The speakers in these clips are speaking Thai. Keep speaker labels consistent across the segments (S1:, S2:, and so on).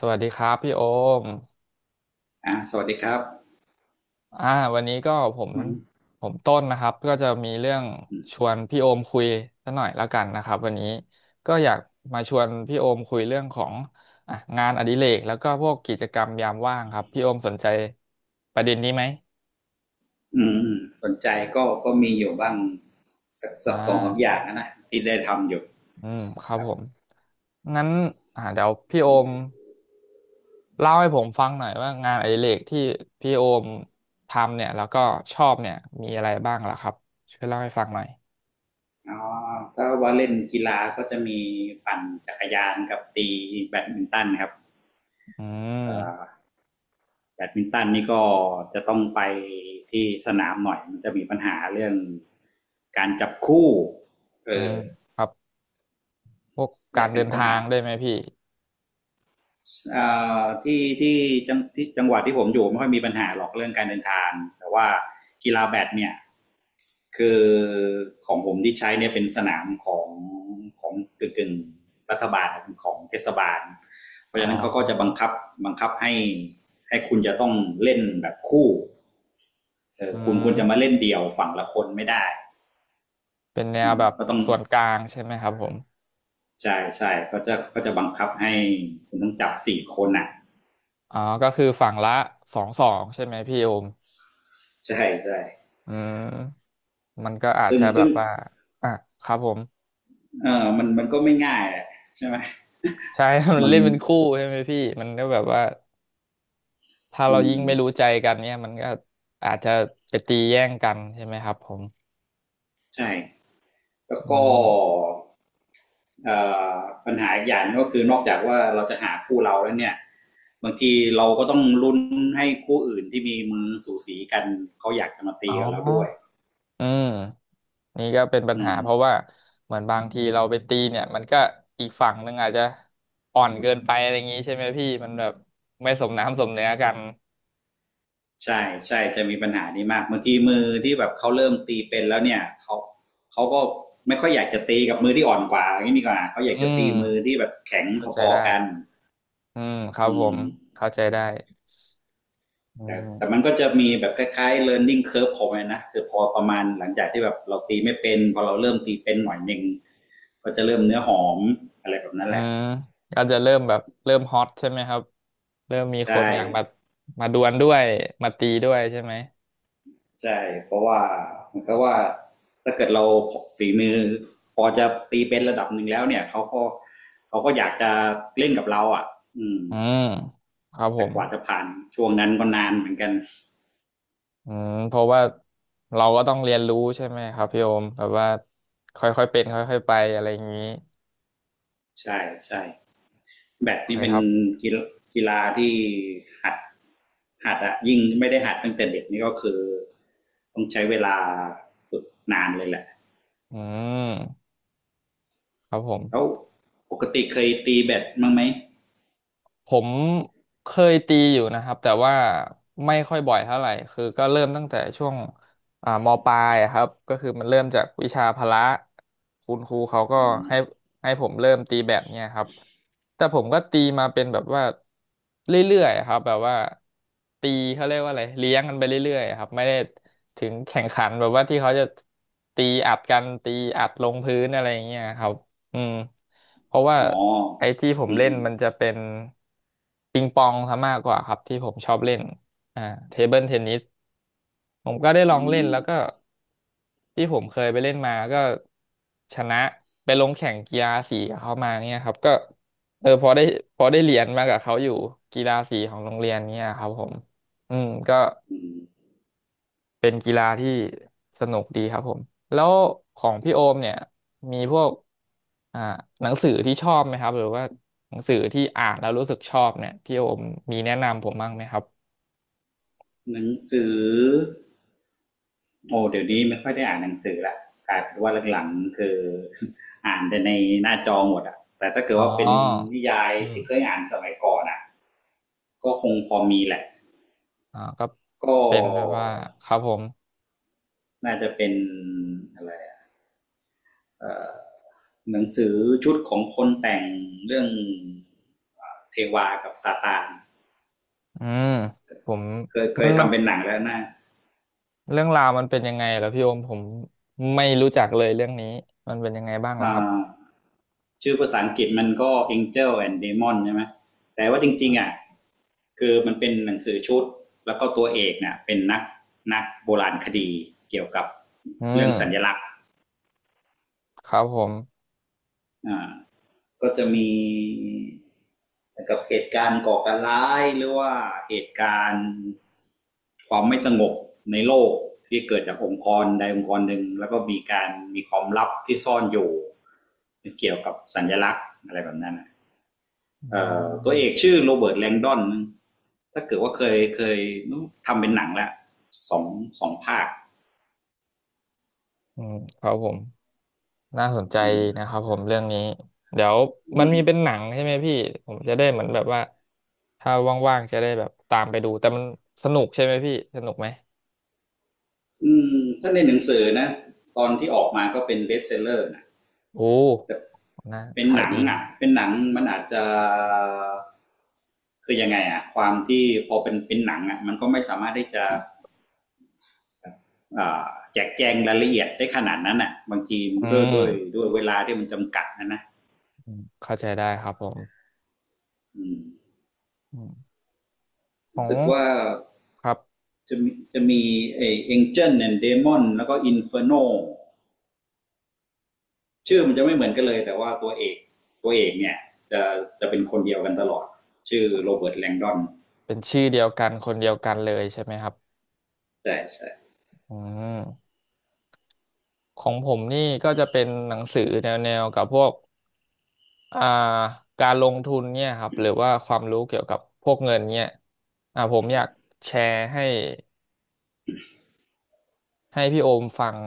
S1: สวัสดีครับพี่โอม
S2: สวัสดีครับ
S1: อ่าวันนี้ก็ผม
S2: มัน
S1: ผมต้นนะครับก็จะมีเรื่องชวนพี่โอมคุยสักหน่อยแล้วกันนะครับวันนี้ก็อยากมาชวนพี่โอมคุยเรื่องของอ่ะงานอดิเรกแล้วก็พวกกิจกรรมยามว่างครับพี่โอมสนใจประเด็นนี้ไหม
S2: อืมอืมสนใจก็มีอยู่บ้างสัก
S1: อ่
S2: สักสองสามอย่า
S1: า
S2: งนะที่ได้ทำอยู่
S1: อืมครั
S2: ค
S1: บ
S2: รับ
S1: ผมงั้นเดี๋ยวพี่โอมเล่าให้ผมฟังหน่อยว่างานอดิเรกที่พี่โอมทำเนี่ยแล้วก็ชอบเนี่ยมีอะไรบ้างล่ะครับช่วยเล่าให้ฟังหน่อย
S2: อ๋อถ้าว่าเล่นกีฬาก็จะมีปั่นจักรยานกับตีแบดมินตันครับ
S1: อื
S2: เอ่อ
S1: ม
S2: แบดมินตันนี่ก็จะต้องไปที่สนามหน่อยมันจะมีปัญหาเรื่องการจับคู่เอ
S1: อื
S2: อ
S1: มครับพวก
S2: เนี่
S1: การ
S2: ยเป็
S1: เดิ
S2: น
S1: น
S2: ปัญ
S1: ทา
S2: หา
S1: งได้ไหมพี่
S2: ที่ที่ที่จังหวัดที่ผมอยู่ไม่ค่อยมีปัญหาหรอกเรื่องการเดินทางแต่ว่ากีฬาแบดเนี่ยคือของผมที่ใช้เนี่ยเป็นสนามของกึ่งๆรัฐบาลของเทศบาลเพ
S1: อ๋
S2: ราะฉะนั้นเขาก็จะ
S1: อ
S2: บังคับให้คุณจะต้องเล่นแบบคู่เออ
S1: อื
S2: คุณจะมา
S1: ม
S2: เล่นเดี่ยวฝั่งละคนไม่ได้
S1: เป็นแน
S2: อื
S1: ว
S2: ม
S1: แบบ
S2: ก็ต้อง
S1: ส่วนกลางใช่ไหมครับผม
S2: ใช่ใช่ก็จะบังคับให้คุณต้องจับสี่คนอ่ะ
S1: อ๋อก็คือฝั่งละสองใช่ไหมพี่โอม
S2: ใช่ใช่
S1: อืมมันก็อาจ
S2: ซึ่ง
S1: จะแบ
S2: ซึ่
S1: บ
S2: ง
S1: ว่าอ่ะครับผม
S2: เออมันก็ไม่ง่ายแหละใช่ไหม
S1: ใช่ มัน
S2: มึง
S1: เล่น
S2: มึ
S1: เป็
S2: ง
S1: นคู่ใช่ไหมพี่มันก็แบบว่าถ้าเรา
S2: อื
S1: ยิ่ง
S2: ม
S1: ไม่รู้ใจกันเนี่ยมันก็อาจจะไปตีแย่งกันใช่ไหมครับผม
S2: ใช่แล้ว
S1: อื
S2: ก็
S1: ม
S2: เอ่อปัญหาอีกอย่างก็คือนอกจากว่าเราจะหาคู่เราแล้วเนี่ยบางทีเราก็ต้องลุ้นให้คู่อื่นที่มีมือสูสีกันเขาอยากจะมา
S1: อ๋
S2: ตี
S1: อ
S2: กับเราด้วย
S1: อืมนี่ก็เป็นปัญ
S2: อื
S1: หา
S2: ม
S1: เพราะว่าเหมือนบางทีเราไปตีเนี่ยมันก็อีกฝั่งหนึ่งอาจจะอ่อนเกินไปอะไรอย่างงี้ใช่ไหมพี่มันแบบไม่สมน้ำสมเนื้อกัน
S2: ใช่ใช่จะมีปัญหานี้มากบางทีมือที่แบบเขาเริ่มตีเป็นแล้วเนี่ยเขาก็ไม่ค่อยอยากจะตีกับมือที่อ่อนกว่าอย่างนี้ดีกว่าเขาอยาก
S1: อื
S2: จะ
S1: ม
S2: ตีมือที่แบบแข็ง
S1: เข้าใจ
S2: พอ
S1: ได้
S2: ๆกัน
S1: อืมครับ
S2: อื
S1: ผ
S2: ม
S1: มเข้าใจได้อื
S2: แต่มัน
S1: ม
S2: ก็จะมีแบบคล้ายๆ learning curve ของมันนะคือพอประมาณหลังจากที่แบบเราตีไม่เป็นพอเราเริ่มตีเป็นหน่อยหนึ่งก็จะเริ่มเนื้อหอมอะไรแบบนั้น
S1: อื
S2: แหละ
S1: มก็จะเริ่มแบบเริ่มฮอตใช่ไหมครับเริ่มมีคน
S2: ใช่
S1: อยากมามาดวลด้วยมาตีด้วยใช่ไหม
S2: ใช่เพราะว่าเมันก็ว่าถ้าเกิดเราฝีมือพอจะตีเป็นระดับหนึ่งแล้วเนี่ยเขาก็อยากจะเล่นกับเราอ่ะอืม
S1: อืมครับผ
S2: แต่
S1: ม
S2: กว่าจะผ่านช่วงนั้นก็นานเหมือนกัน
S1: อืมเพราะว่าเราก็ต้องเรียนรู้ใช่ไหมครับพี่โอมแบบว่าค่อยๆเป็นค่อยๆไปอะไรอย่างนี้
S2: ใช่ใช่ แบด
S1: โอเค
S2: นี่เป็
S1: ค
S2: น
S1: รับ
S2: กีฬาที่หัดหัดอะยิ่งไม่ได้หัดตั้งแต่เด็กนี่ก็คือต้องใช้เวลาฝึกนานเลยแหละ
S1: อืมครับผม
S2: แล้วปกติเคยตีแบดมั้างไหม
S1: ผมเคยตีอยู่นะครับแต่ว่าไม่ค่อยบ่อยเท่าไหร่คือก็เริ่มตั้งแต่ช่วงมปลายอะครับก็คือมันเริ่มจากวิชาพละคุณครูเขาก็
S2: อ
S1: ให้ให้ผมเริ่มตีแบดเนี่ยครับแต่ผมก็ตีมาเป็นแบบว่าเรื่อยๆอะครับแบบว่าตีเขาเรียกว่าอะไรเลี้ยงกันไปเรื่อยๆอะครับไม่ได้ถึงแข่งขันแบบว่าที่เขาจะตีอัดกันตีอัดลงพื้นอะไรอย่างเงี้ยครับ อืมเพราะว่า
S2: ๋อ
S1: ไอ้ที่ผ
S2: อ
S1: ม
S2: อื
S1: เล่น
S2: ม
S1: มันจะเป็นปิงปองซะมากกว่าครับที่ผมชอบเล่นอ่าเทเบิลเทนนิสผมก็ได้ล
S2: อื
S1: องเล่น
S2: ม
S1: แล้วก็ที่ผมเคยไปเล่นมาก็ชนะไปลงแข่งกีฬาสีกับเขามาเนี่ยครับก็เออพอได้พอได้เหรียญมากับเขาอยู่กีฬาสีของโรงเรียนเนี่ยครับผมอืมก็
S2: อืม
S1: เป็นกีฬาที่สนุกดีครับผมแล้วของพี่โอมเนี่ยมีพวกอ่าหนังสือที่ชอบไหมครับหรือว่าหนังสือที่อ่านแล้วรู้สึกชอบเนี่ยพี่โอมมีแนะนำผมบ้างไหมครับ
S2: หนังสือโอ้เดี๋ยวนี้ไม่ค่อยได้อ่านหนังสือละกลายเป็นว่าหลังๆคือ อ่านแต่ในหน้าจอหมดอะแต่ถ้าเกิด
S1: อ๋อ
S2: ว่าเป็นนิยาย
S1: อืม
S2: ที่เคยอ่านสมัยก่อนอะก็คงพอมีแหละ
S1: อ่าก็
S2: ก็
S1: เป็นแบบว่าครับผม
S2: น่าจะเป็นอะไรเอ่อหนังสือชุดของคนแต่งเรื่องเทวากับซาตาน
S1: อืมผม
S2: เคยเค
S1: มัน
S2: ย
S1: มัน
S2: ทำเป็นหนังแล้วนะ
S1: เรื่องราวมันเป็นยังไงเหรอพี่โอมผมไม่รู้จักเลยเรื่องนี้มันเป็นยังไงบ้างล่ะ
S2: อ่
S1: ครับ
S2: าชื่อภาษาอังกฤษมันก็ Angel and Demon ใช่ไหมแต่ว่าจริงๆอ่ะ
S1: อ
S2: คือมันเป็นหนังสือชุดแล้วก็ตัวเอกเนี่ยเป็นนักโบราณคดีเกี่ยวกับ
S1: อื
S2: เรื่องสัญ
S1: ม
S2: ลักษณ์
S1: ครับผม
S2: อ่า ก็จะมีกับเหตุการณ์ก่อการร้ายหรือว่าเหตุการณ์ความไม่สงบในโลกที่เกิดจากองค์กรใดองค์กรหนึ่งแล้วก็มีความลับที่ซ่อนอยู่เกี่ยวกับสัญลักษณ์อะไรแบบนั้น
S1: อืม
S2: ตัวเอกชื่อโรเบิร์ตแลงดอนถ้าเกิดว่าเคยทำเป็นหนังแล้วสองสองภาค
S1: อืมครับผม น่าสนใจ
S2: อืม
S1: นะครับผมเรื่องนี้เดี๋ยวมัน
S2: อืม
S1: มีเป็นหนังใช่ไหมพี่ผมจะได้เหมือนแบบว่าถ้าว่างๆจะได้แบบตามไปดูแต่มันสนุกใช่ไหมพี่สนุกไหม
S2: อืมถ้าในหนังสือนะตอนที่ออกมาก็เป็นเบสเซลเลอร์นะ
S1: โอ้
S2: แต่
S1: น่า
S2: เป็น
S1: ขา
S2: ห
S1: ย
S2: นัง
S1: ดี
S2: อ่ะเป็นหนังมันอาจจะคือยังไงอ่ะความที่พอเป็นหนังอ่ะมันก็ไม่สามารถได้จะอ่าแจกแจงรายละเอียดได้ขนาดนั้นอ่ะบางที
S1: อื
S2: ด้วยด้วย
S1: ม
S2: ด้วยเวลาที่มันจำกัดนะ
S1: อืมเข้าใจได้ครับผม
S2: อืม
S1: อืมขอ
S2: รู้
S1: ง
S2: สึกว่า
S1: ครับ
S2: จะมีไอเ a n นเจนเนีเดมอนแล้วก็อินเฟอร์โนชื่อมันจะไม่เหมือนกันเลยแต่ว่าตัวเอกเนี่ยจะจะเป็นคนเดียวกันตลอดชื่อโรเบิร์ตแลงดอน
S1: เป็นชื่อเดียวกันคนเดียวกันเลยใช่ไหมครับ
S2: ใช่ใช่
S1: อืมของผมนี่ก็จะเป็นหนังสือแนวๆกับพวก อ่าการลงทุนเนี่ยครับหรือว่าความรู้เกี่ยวกับพวกเงินเนี่ยอ่าผมอยากแชร์ให้พี่โอมฟัง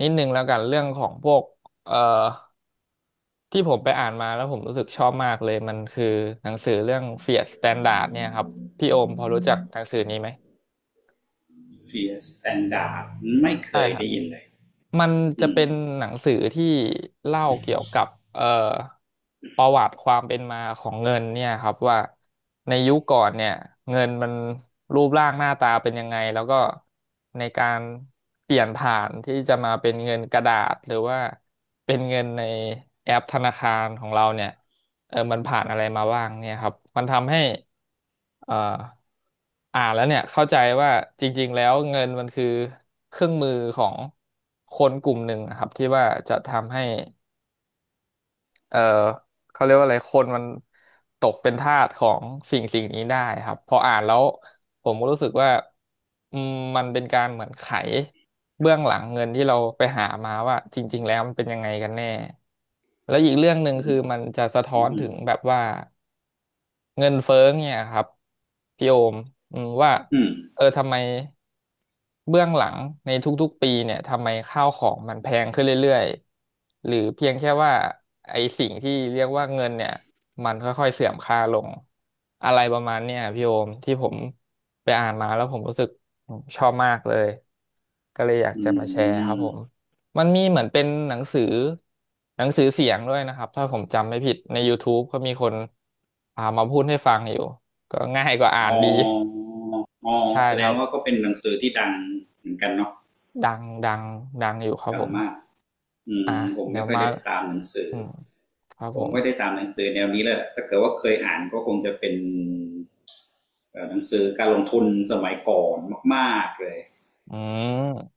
S1: นิดนึงแล้วกันเรื่องของพวกเอ่อที่ผมไปอ่านมาแล้วผมรู้สึกชอบมากเลยมันคือหนังสือเรื่อง Fiat Standard เนี่ยครับพี่โอมพอรู้จักหนังสือนี้ไหม
S2: เฟียสแตนดาร์ดไม่เค
S1: ใช่
S2: ย
S1: ครับ
S2: ได้ยินเลย
S1: มันจะ
S2: อืม
S1: เป็นหนังสือที่เล่าเกี่ยวกับเอ่อประวัติความเป็นมาของเงินเนี่ยครับว่าในยุคก่อนเนี่ยเงินมันรูปร่างหน้าตาเป็นยังไงแล้วก็ในการเปลี่ยนผ่านที่จะมาเป็นเงินกระดาษหรือว่าเป็นเงินในแอปธนาคารของเราเนี่ย เออมันผ่านอะไรมาบ้างเนี่ยครับ มันทำให้เอ่ออ่านแล้วเนี่ยเข้าใจว่าจริงๆแล้วเงินมันคือเครื่องมือของคนกลุ่มหนึ่งนะครับที่ว่าจะทำให้เอ่อเขาเรียกว่าอะไรคนมันตกเป็นทาสของสิ่งนี้ได้ครับพออ่านแล้วผมก็รู้สึกว่าอืมมันเป็นการเหมือนไขเบื้องหลังเงินที่เราไปหามาว่าจริงๆแล้วมันเป็นยังไงกันแน่แล้วอีกเรื่องหนึ่งคือมันจะสะท้อ
S2: อืม
S1: น
S2: อื
S1: ถึ
S2: ม
S1: งแบบว่า เงินเฟ้อเนี่ยครับพี่โอมอืมว่า
S2: อืม
S1: เออทำไมเบื้องหลังในทุกๆปีเนี่ยทำไมข้าวของมันแพงขึ้นเรื่อยๆหรือเพียงแค่ว่าไอ้สิ่งที่เรียกว่าเงินเนี่ยมันค่อยๆเสื่อมค่าลงอะไรประมาณเนี่ยพี่โอมที่ผมไปอ่านมาแล้วผมรู้สึกชอบมากเลยก็เลยอยาก
S2: อื
S1: จะมาแชร์ครับ
S2: ม
S1: ผม มันมีเหมือนเป็นหนังสือหนังสือเสียงด้วยนะครับถ้าผมจำไม่ผิดใน YouTube ก็มีคนพามาพูดให้ฟังอยู่ก็ง่ายกว่าอ่าน
S2: อ๋อ
S1: ดี
S2: อ๋อ
S1: ใช่
S2: แส
S1: ค
S2: ด
S1: รั
S2: ง
S1: บ
S2: ว่าก็เป็นหนังสือที่ดังเหมือนกันเนาะ
S1: ดังดังดังอยู่ครับ
S2: ดั
S1: ผ
S2: ง
S1: ม
S2: มากอื
S1: อ่ะ
S2: มผม
S1: เดี๋
S2: ไม่
S1: ยว
S2: ค่อย
S1: มา
S2: ได้ตามหนังสือ
S1: อืมครับ
S2: ผ
S1: ผ
S2: ม
S1: ม
S2: ไม่ได้ตามหนังสือแนวนี้เลยถ้าเกิดว่าเคยอ่านก็คงจะเป็นเอ่อหนังสือการลงทุนสมัยก่อนมากๆเลย
S1: อืม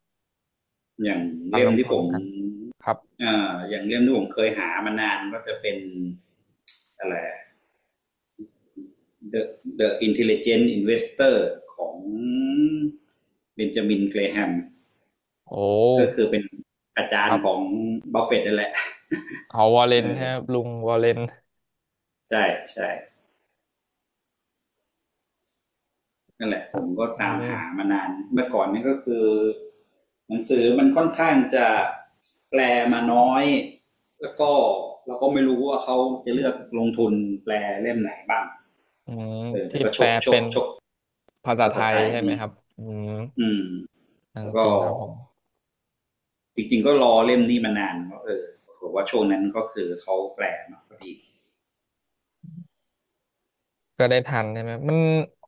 S2: อย่าง
S1: การ
S2: เล่
S1: ล
S2: ม
S1: งโท
S2: ที่
S1: ษ
S2: ผ
S1: น
S2: ม
S1: กันครับ
S2: เอ่ออย่างเล่มที่ผมเคยหามานานก็จะเป็นอะไร The The Intelligent Investor ของเบนจามินเกรแฮม
S1: โอ้
S2: ก็คือเป็นอาจา
S1: ค
S2: ร
S1: รั
S2: ย์
S1: บ
S2: ของบัฟเฟตต์นั่นแหละ
S1: เอาวอลเลนครับ
S2: เออ
S1: ลุงวอลเลน
S2: ใช่ใช่นั่นแหละ
S1: ค
S2: ผ
S1: รับ
S2: มก็
S1: อื
S2: ตามหา
S1: ม
S2: มานานเมื่อก่อนนี่ก็คือหนังสือมันค่อนข้างจะแปลมาน้อยแล้วก็เราก็ไม่รู้ว่าเขาจะเลือกลงทุนแปลเล่มไหนบ้าง
S1: อืม
S2: เออแต่
S1: ที่
S2: ก็
S1: แป
S2: ช
S1: ล
S2: กช
S1: เป็
S2: ก
S1: น
S2: ชก
S1: ภาษา
S2: ภา
S1: ไท
S2: ษาไท
S1: ย
S2: ย
S1: ใช่ไห
S2: อื
S1: ม
S2: ม
S1: ครับอืม
S2: อืม
S1: จ
S2: แล้วก็
S1: ริงๆครับผม
S2: จริงๆก็รอเล่มนี้มานานก็เออผมว่าช่วงนั้นก็คือเขาแปลมาพอดี
S1: ก็ได้ทันใช่ไหมมัน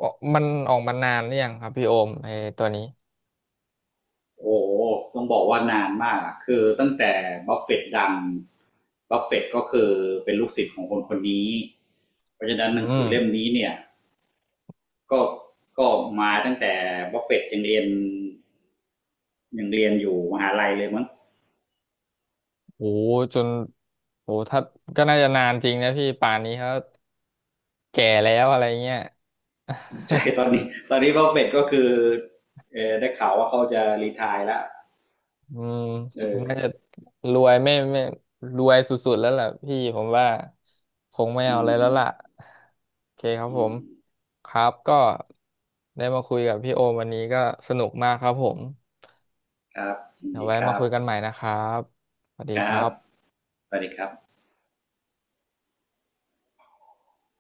S1: ออกมันออกมานานหรือยังครับพี่โอมไอ้ตัวนี้
S2: โอ้ต้องบอกว่านานมากคือตั้งแต่บัฟเฟตต์ดังบัฟเฟตต์ก็คือเป็นลูกศิษย์ของคนคนนี้เพราะฉะนั้นห
S1: อื
S2: นังสื
S1: ม
S2: อเล่มนี้เนี่ยก็ก็มาตั้งแต่บัฟเฟตต์ยังเรียนอยู่มหาลัยเลยมั้ง
S1: โหจนโหถ้าก็น่าจะนานจริงนะพี่ป่านนี้เขาแก่แล้วอะไรเงี้ย
S2: ใช่ ตอนนี้บัฟเฟตต์ก็คือเออได้ข่าวว่าเขาจะรีไทายแล้ว
S1: อืมน่า
S2: เออ
S1: จะรวยไม่รวยสุดๆแล้วล่ะพี่ผมว่าคงไม่เอา
S2: อื
S1: อะไร
S2: ม
S1: แล้วล่ะโอเคครับ
S2: อื
S1: ผม
S2: ม
S1: ครับก็ได้มาคุยกับพี่โอมวันนี้ก็สนุกมากครับผม
S2: ครับยิน
S1: เดี๋ยว
S2: ดี
S1: ไว้
S2: ค
S1: มา
S2: รับ
S1: คุยกันใหม่นะครับสวัสดี
S2: ค
S1: ค
S2: รั
S1: รั
S2: บ
S1: บ
S2: สวัสดีครับ